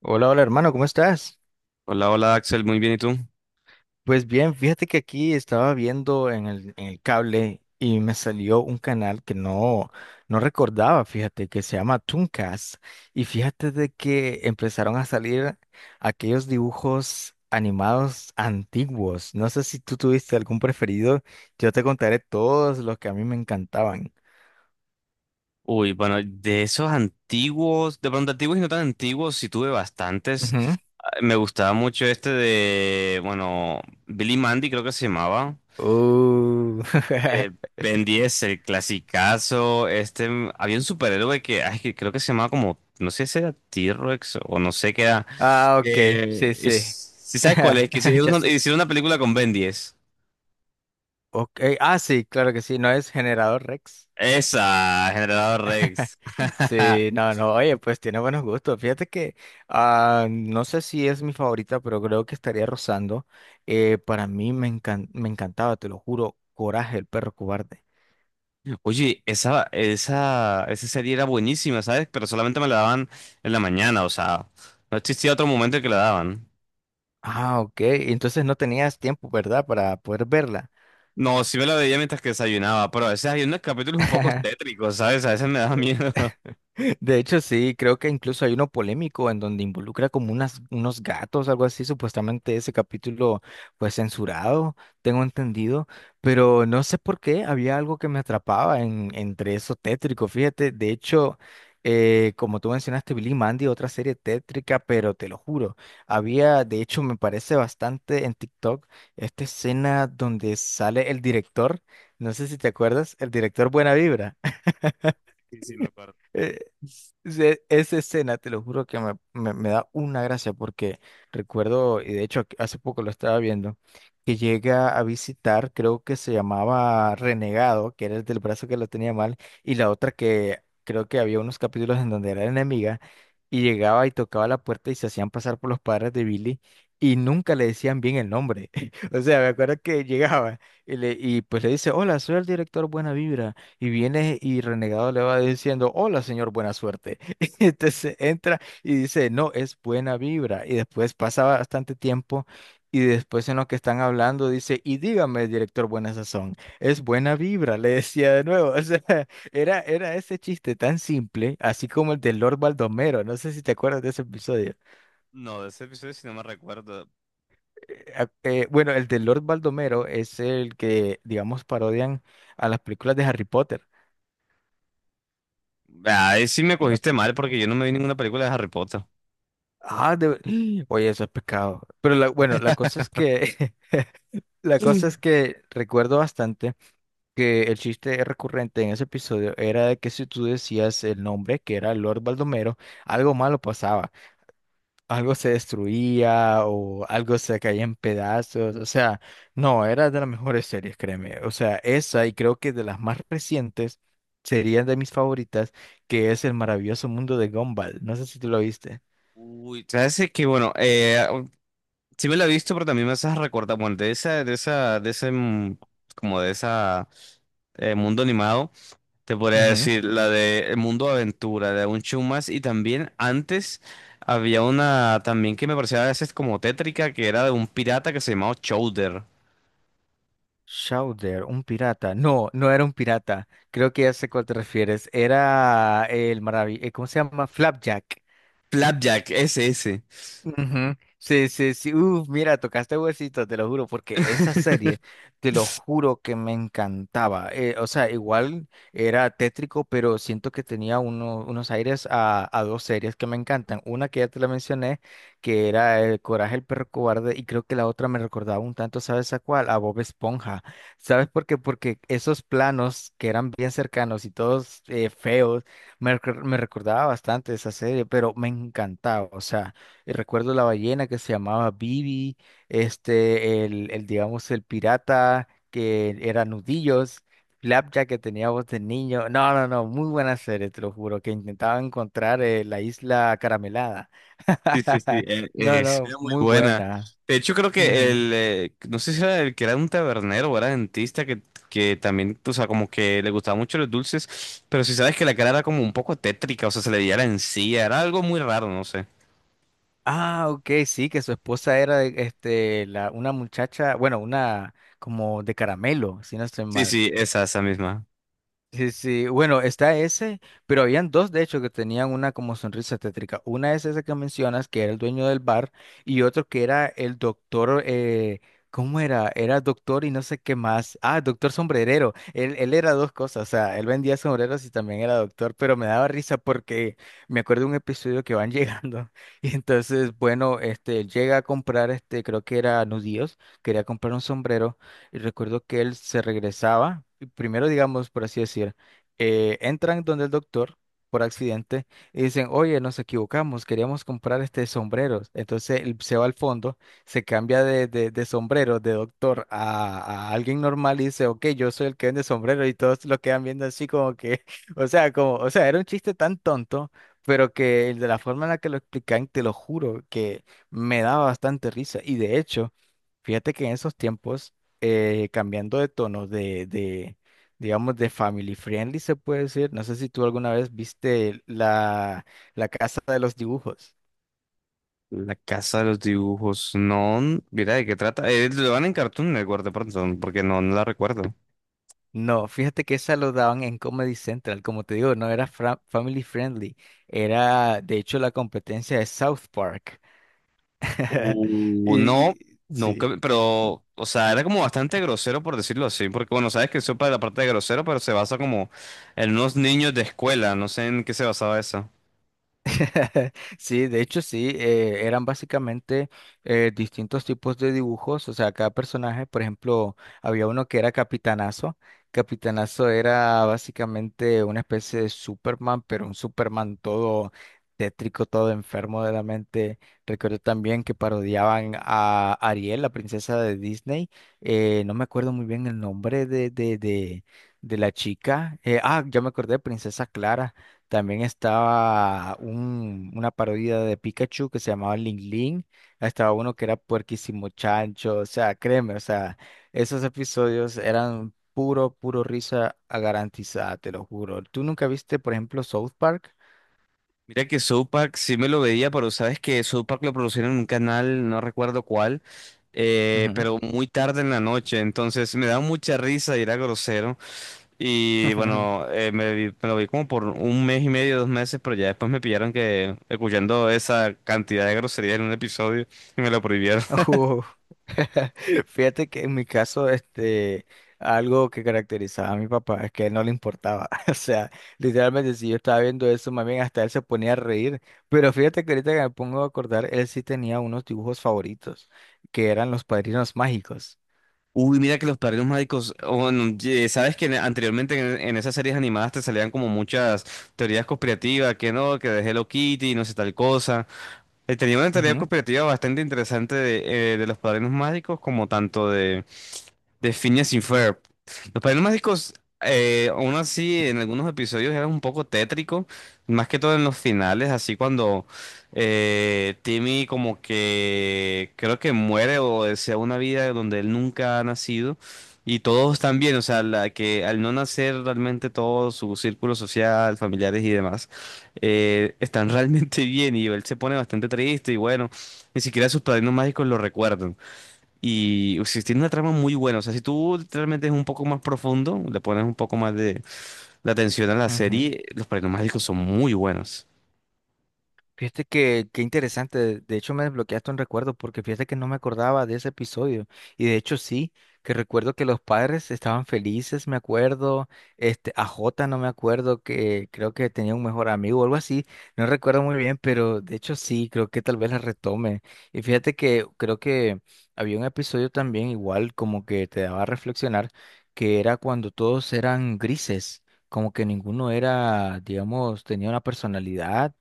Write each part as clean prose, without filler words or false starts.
Hola, hola hermano, ¿cómo estás? Hola, hola Axel, muy bien, ¿y tú? Pues bien, fíjate que aquí estaba viendo en el cable y me salió un canal que no recordaba, fíjate, que se llama Tooncast. Y fíjate de que empezaron a salir aquellos dibujos animados antiguos. No sé si tú tuviste algún preferido, yo te contaré todos los que a mí me encantaban. Uy, bueno, de esos antiguos, de pronto antiguos y no tan antiguos, sí tuve bastantes. Ujú. Ah, me gustaba mucho este de, bueno, Billy Mandy creo que se llamaba. Uh, Eh, Ben 10, el clasicazo. Este, había un superhéroe que, ay, que creo que se llamaba como, no sé si era T-Rex o no sé qué era. Ah, ok, sí, sí. ¿Sí sabes cuál es? Que si hicieron Ya una, sé. hicieron una película con Ben 10. Okay. Ah, sí, claro que sí, no es generador Rex. Esa, Generador Rex. Sí, no, no, oye, pues tiene buenos gustos. Fíjate que no sé si es mi favorita, pero creo que estaría rozando. Para mí me encantaba, te lo juro, Coraje, el perro cobarde. Oye, esa serie era buenísima, ¿sabes? Pero solamente me la daban en la mañana, o sea, no existía otro momento en que la daban. Ah, ok, entonces no tenías tiempo, ¿verdad? Para poder verla. No, sí me la veía mientras que desayunaba, pero a veces hay unos capítulos un poco tétricos, ¿sabes? A veces me daba miedo. De hecho, sí, creo que incluso hay uno polémico en donde involucra como unos gatos, algo así, supuestamente ese capítulo fue censurado, tengo entendido, pero no sé por qué había algo que me atrapaba entre eso tétrico, fíjate, de hecho, como tú mencionaste, Billy y Mandy, otra serie tétrica, pero te lo juro, había, de hecho, me parece bastante en TikTok esta escena donde sale el director, no sé si te acuerdas, el director Buena Vibra. Sí, sí, me acuerdo. Esa escena, te lo juro que me da una gracia porque recuerdo, y de hecho hace poco lo estaba viendo, que llega a visitar, creo que se llamaba Renegado, que era el del brazo que lo tenía mal, y la otra que creo que había unos capítulos en donde era enemiga, y llegaba y tocaba la puerta y se hacían pasar por los padres de Billy, y nunca le decían bien el nombre. O sea, me acuerdo que llegaba y pues le dice, hola, soy el director Buena Vibra. Y viene y Renegado le va diciendo, hola señor, buena suerte. Entonces entra y dice, no, es buena vibra. Y después pasa bastante tiempo y después en lo que están hablando dice, y dígame, director, buena sazón, es buena vibra, le decía de nuevo. O sea, era ese chiste tan simple, así como el de Lord Baldomero. No sé si te acuerdas de ese episodio. No, de ese episodio sí no me recuerdo. Bueno, el de Lord Baldomero es el que, digamos, parodian a las películas de Harry Potter. Ahí sí me No. cogiste mal porque yo no me vi ninguna película de Harry Potter. Ah, Oye, eso es pecado. Pero bueno, la cosa es que la cosa Mm. es que recuerdo bastante que el chiste recurrente en ese episodio era de que si tú decías el nombre, que era Lord Baldomero, algo malo pasaba, algo se destruía o algo se caía en pedazos. O sea, no, era de las mejores series, créeme. O sea, esa y creo que de las más recientes serían de mis favoritas, que es El maravilloso mundo de Gumball. No sé si tú lo viste. Uy, sabes, es que bueno, sí me la he visto, pero también me haces recordar, bueno, de ese, como de esa mundo animado. Te podría decir la de El Mundo de Aventura, de un show más. Y también antes había una también que me parecía a veces como tétrica, que era de un pirata que se llamaba Chowder. Chowder, un pirata. No, no era un pirata. Creo que ya sé cuál te refieres. Era el maravilloso. ¿Cómo se llama? Flapjack. Flapjack, ese, ese. Ujú. Sí, sí, sí. Uf, mira, tocaste huesito, te lo juro, porque esa serie, te lo juro que me encantaba. O sea, igual era tétrico, pero siento que tenía unos aires a dos series que me encantan. Una que ya te la mencioné, que era El Coraje, el perro cobarde, y creo que la otra me recordaba un tanto, ¿sabes a cuál? A Bob Esponja. ¿Sabes por qué? Porque esos planos que eran bien cercanos y todos feos, me recordaba bastante esa serie, pero me encantaba, o sea recuerdo la ballena que se llamaba Bibi, este, digamos, el pirata que era Nudillos, Flapjack que tenía voz de niño. No, no, no, muy buena serie, te lo juro, que intentaba encontrar la isla caramelada. Sí, sí, sí, No, es no, muy muy buena. buena. De hecho, creo que Ujú. el, no sé si era el que era un tabernero o era dentista, que también, o sea, como que le gustaban mucho los dulces, pero si sabes que la cara era como un poco tétrica, o sea, se le veía la encía, era algo muy raro, no sé. Ah, ok, sí, que su esposa era este, una muchacha, bueno, una como de caramelo, si no estoy Sí, mal. sí, esa misma. Sí, sí, bueno, está ese, pero habían dos de hecho que tenían una como sonrisa tétrica. Una es esa que mencionas, que era el dueño del bar, y otro que era el doctor, ¿cómo era? Era doctor y no sé qué más. Ah, doctor sombrerero. Él era dos cosas, o sea, él vendía sombreros y también era doctor, pero me daba risa porque me acuerdo de un episodio que van llegando. Y entonces, bueno, este, llega a comprar, este, creo que era nudillos, quería comprar un sombrero, y recuerdo que él se regresaba primero digamos, por así decir, entran donde el doctor por accidente y dicen, oye, nos equivocamos, queríamos comprar este sombrero. Entonces él se va al fondo, se cambia de sombrero de doctor a alguien normal y dice, ok, yo soy el que vende sombrero y todos lo quedan viendo así como que, o sea, como, o sea, era un chiste tan tonto. Pero que el de la forma en la que lo explican, te lo juro, que me daba bastante risa. Y de hecho, fíjate que en esos tiempos cambiando de tono digamos, de family friendly, se puede decir. No sé si tú alguna vez viste la Casa de los Dibujos. La casa de los dibujos. No, mira de qué trata. Lo van en Cartoon Network de pronto, porque no, no la recuerdo. No, fíjate que esa lo daban en Comedy Central. Como te digo, no era family friendly. Era, de hecho, la competencia de South Park. Y, No, y nunca, sí. pero, o sea, era como bastante grosero por decirlo así, porque bueno, sabes que sopa de la parte de grosero, pero se basa como en unos niños de escuela, no sé en qué se basaba eso. Sí, de hecho sí, eran básicamente distintos tipos de dibujos, o sea, cada personaje, por ejemplo, había uno que era Capitanazo, Capitanazo era básicamente una especie de Superman, pero un Superman todo tétrico, todo enfermo de la mente. Recuerdo también que parodiaban a Ariel, la princesa de Disney, no me acuerdo muy bien el nombre de la chica, ya me acordé, Princesa Clara. También estaba una parodia de Pikachu que se llamaba Ling Ling. Estaba uno que era Puerquísimo Chancho. O sea, créeme, o sea, esos episodios eran puro risa garantizada, te lo juro. ¿Tú nunca viste, por ejemplo, South Park? Mira que South Park sí me lo veía, pero sabes que South Park lo producían en un canal, no recuerdo cuál, Ujú. pero muy tarde en la noche, entonces me daba mucha risa y era grosero. Y bueno, me lo vi como por un mes y medio, dos meses, pero ya después me pillaron que escuchando esa cantidad de groserías en un episodio y me lo prohibieron. Uh, Fíjate que en mi caso, este, algo que caracterizaba a mi papá es que no le importaba. O sea, literalmente si yo estaba viendo eso, más bien hasta él se ponía a reír. Pero fíjate que ahorita que me pongo a acordar, él sí tenía unos dibujos favoritos, que eran los padrinos mágicos. Uy, mira que los padrinos mágicos, oh, bueno, sabes que anteriormente en esas series animadas te salían como muchas teorías conspirativas, que no, que de Hello Kitty, no sé tal cosa. Tenía una teoría Ujú, conspirativa bastante interesante de los padrinos mágicos, como tanto de Phineas y Ferb. Los padrinos mágicos, aún así, en algunos episodios era un poco tétrico, más que todo en los finales, así cuando Timmy como que creo que muere o desea una vida donde él nunca ha nacido. Y todos también, o sea, la que al no nacer realmente todo su círculo social, familiares y demás, están realmente bien y él se pone bastante triste y bueno, ni siquiera sus padrinos mágicos lo recuerdan. Y si tiene una trama muy buena, o sea, si tú realmente es un poco más profundo, le pones un poco más de atención a la ujú. serie, los paranormálicos son muy buenos. Fíjate que, qué interesante, de hecho me desbloqueaste un recuerdo porque fíjate que no me acordaba de ese episodio y de hecho sí, que recuerdo que los padres estaban felices, me acuerdo, este, a Jota no me acuerdo que creo que tenía un mejor amigo o algo así, no recuerdo muy bien, pero de hecho sí, creo que tal vez la retome y fíjate que creo que había un episodio también igual como que te daba a reflexionar que era cuando todos eran grises, como que ninguno era, digamos, tenía una personalidad,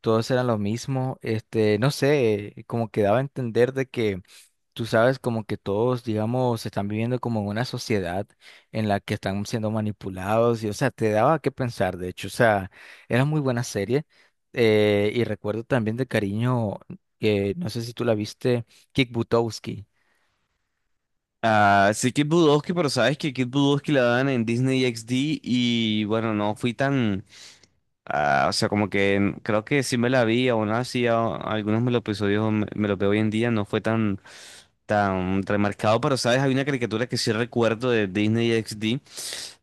todos eran los mismos, este, no sé, como que daba a entender de que tú sabes como que todos, digamos, están viviendo como en una sociedad en la que están siendo manipulados y, o sea, te daba que pensar, de hecho, o sea, era muy buena serie y recuerdo también de cariño, no sé si tú la viste, Kick Butowski. Ah, sí, Kid Budowski, pero sabes que Kid Budowski la dan en Disney XD y bueno, no fui tan, ah, o sea, como que creo que sí me la vi, aún así algunos me los episodios me, me los veo hoy en día, no fue tan, tan remarcado, pero sabes, hay una caricatura que sí recuerdo de Disney XD,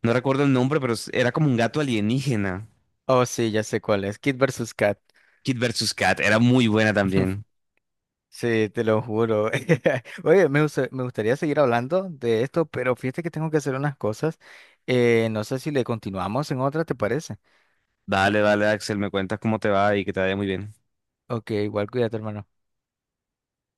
no recuerdo el nombre, pero era como un gato alienígena. Oh, sí, ya sé cuál es, Kid versus Kat. Kid versus Cat, era muy buena también. Sí, te lo juro. Oye, me gustaría seguir hablando de esto, pero fíjate que tengo que hacer unas cosas. No sé si le continuamos en otra, ¿te parece? Dale, dale, Axel, me cuentas cómo te va y que te vaya muy bien. Ok, igual cuídate, hermano.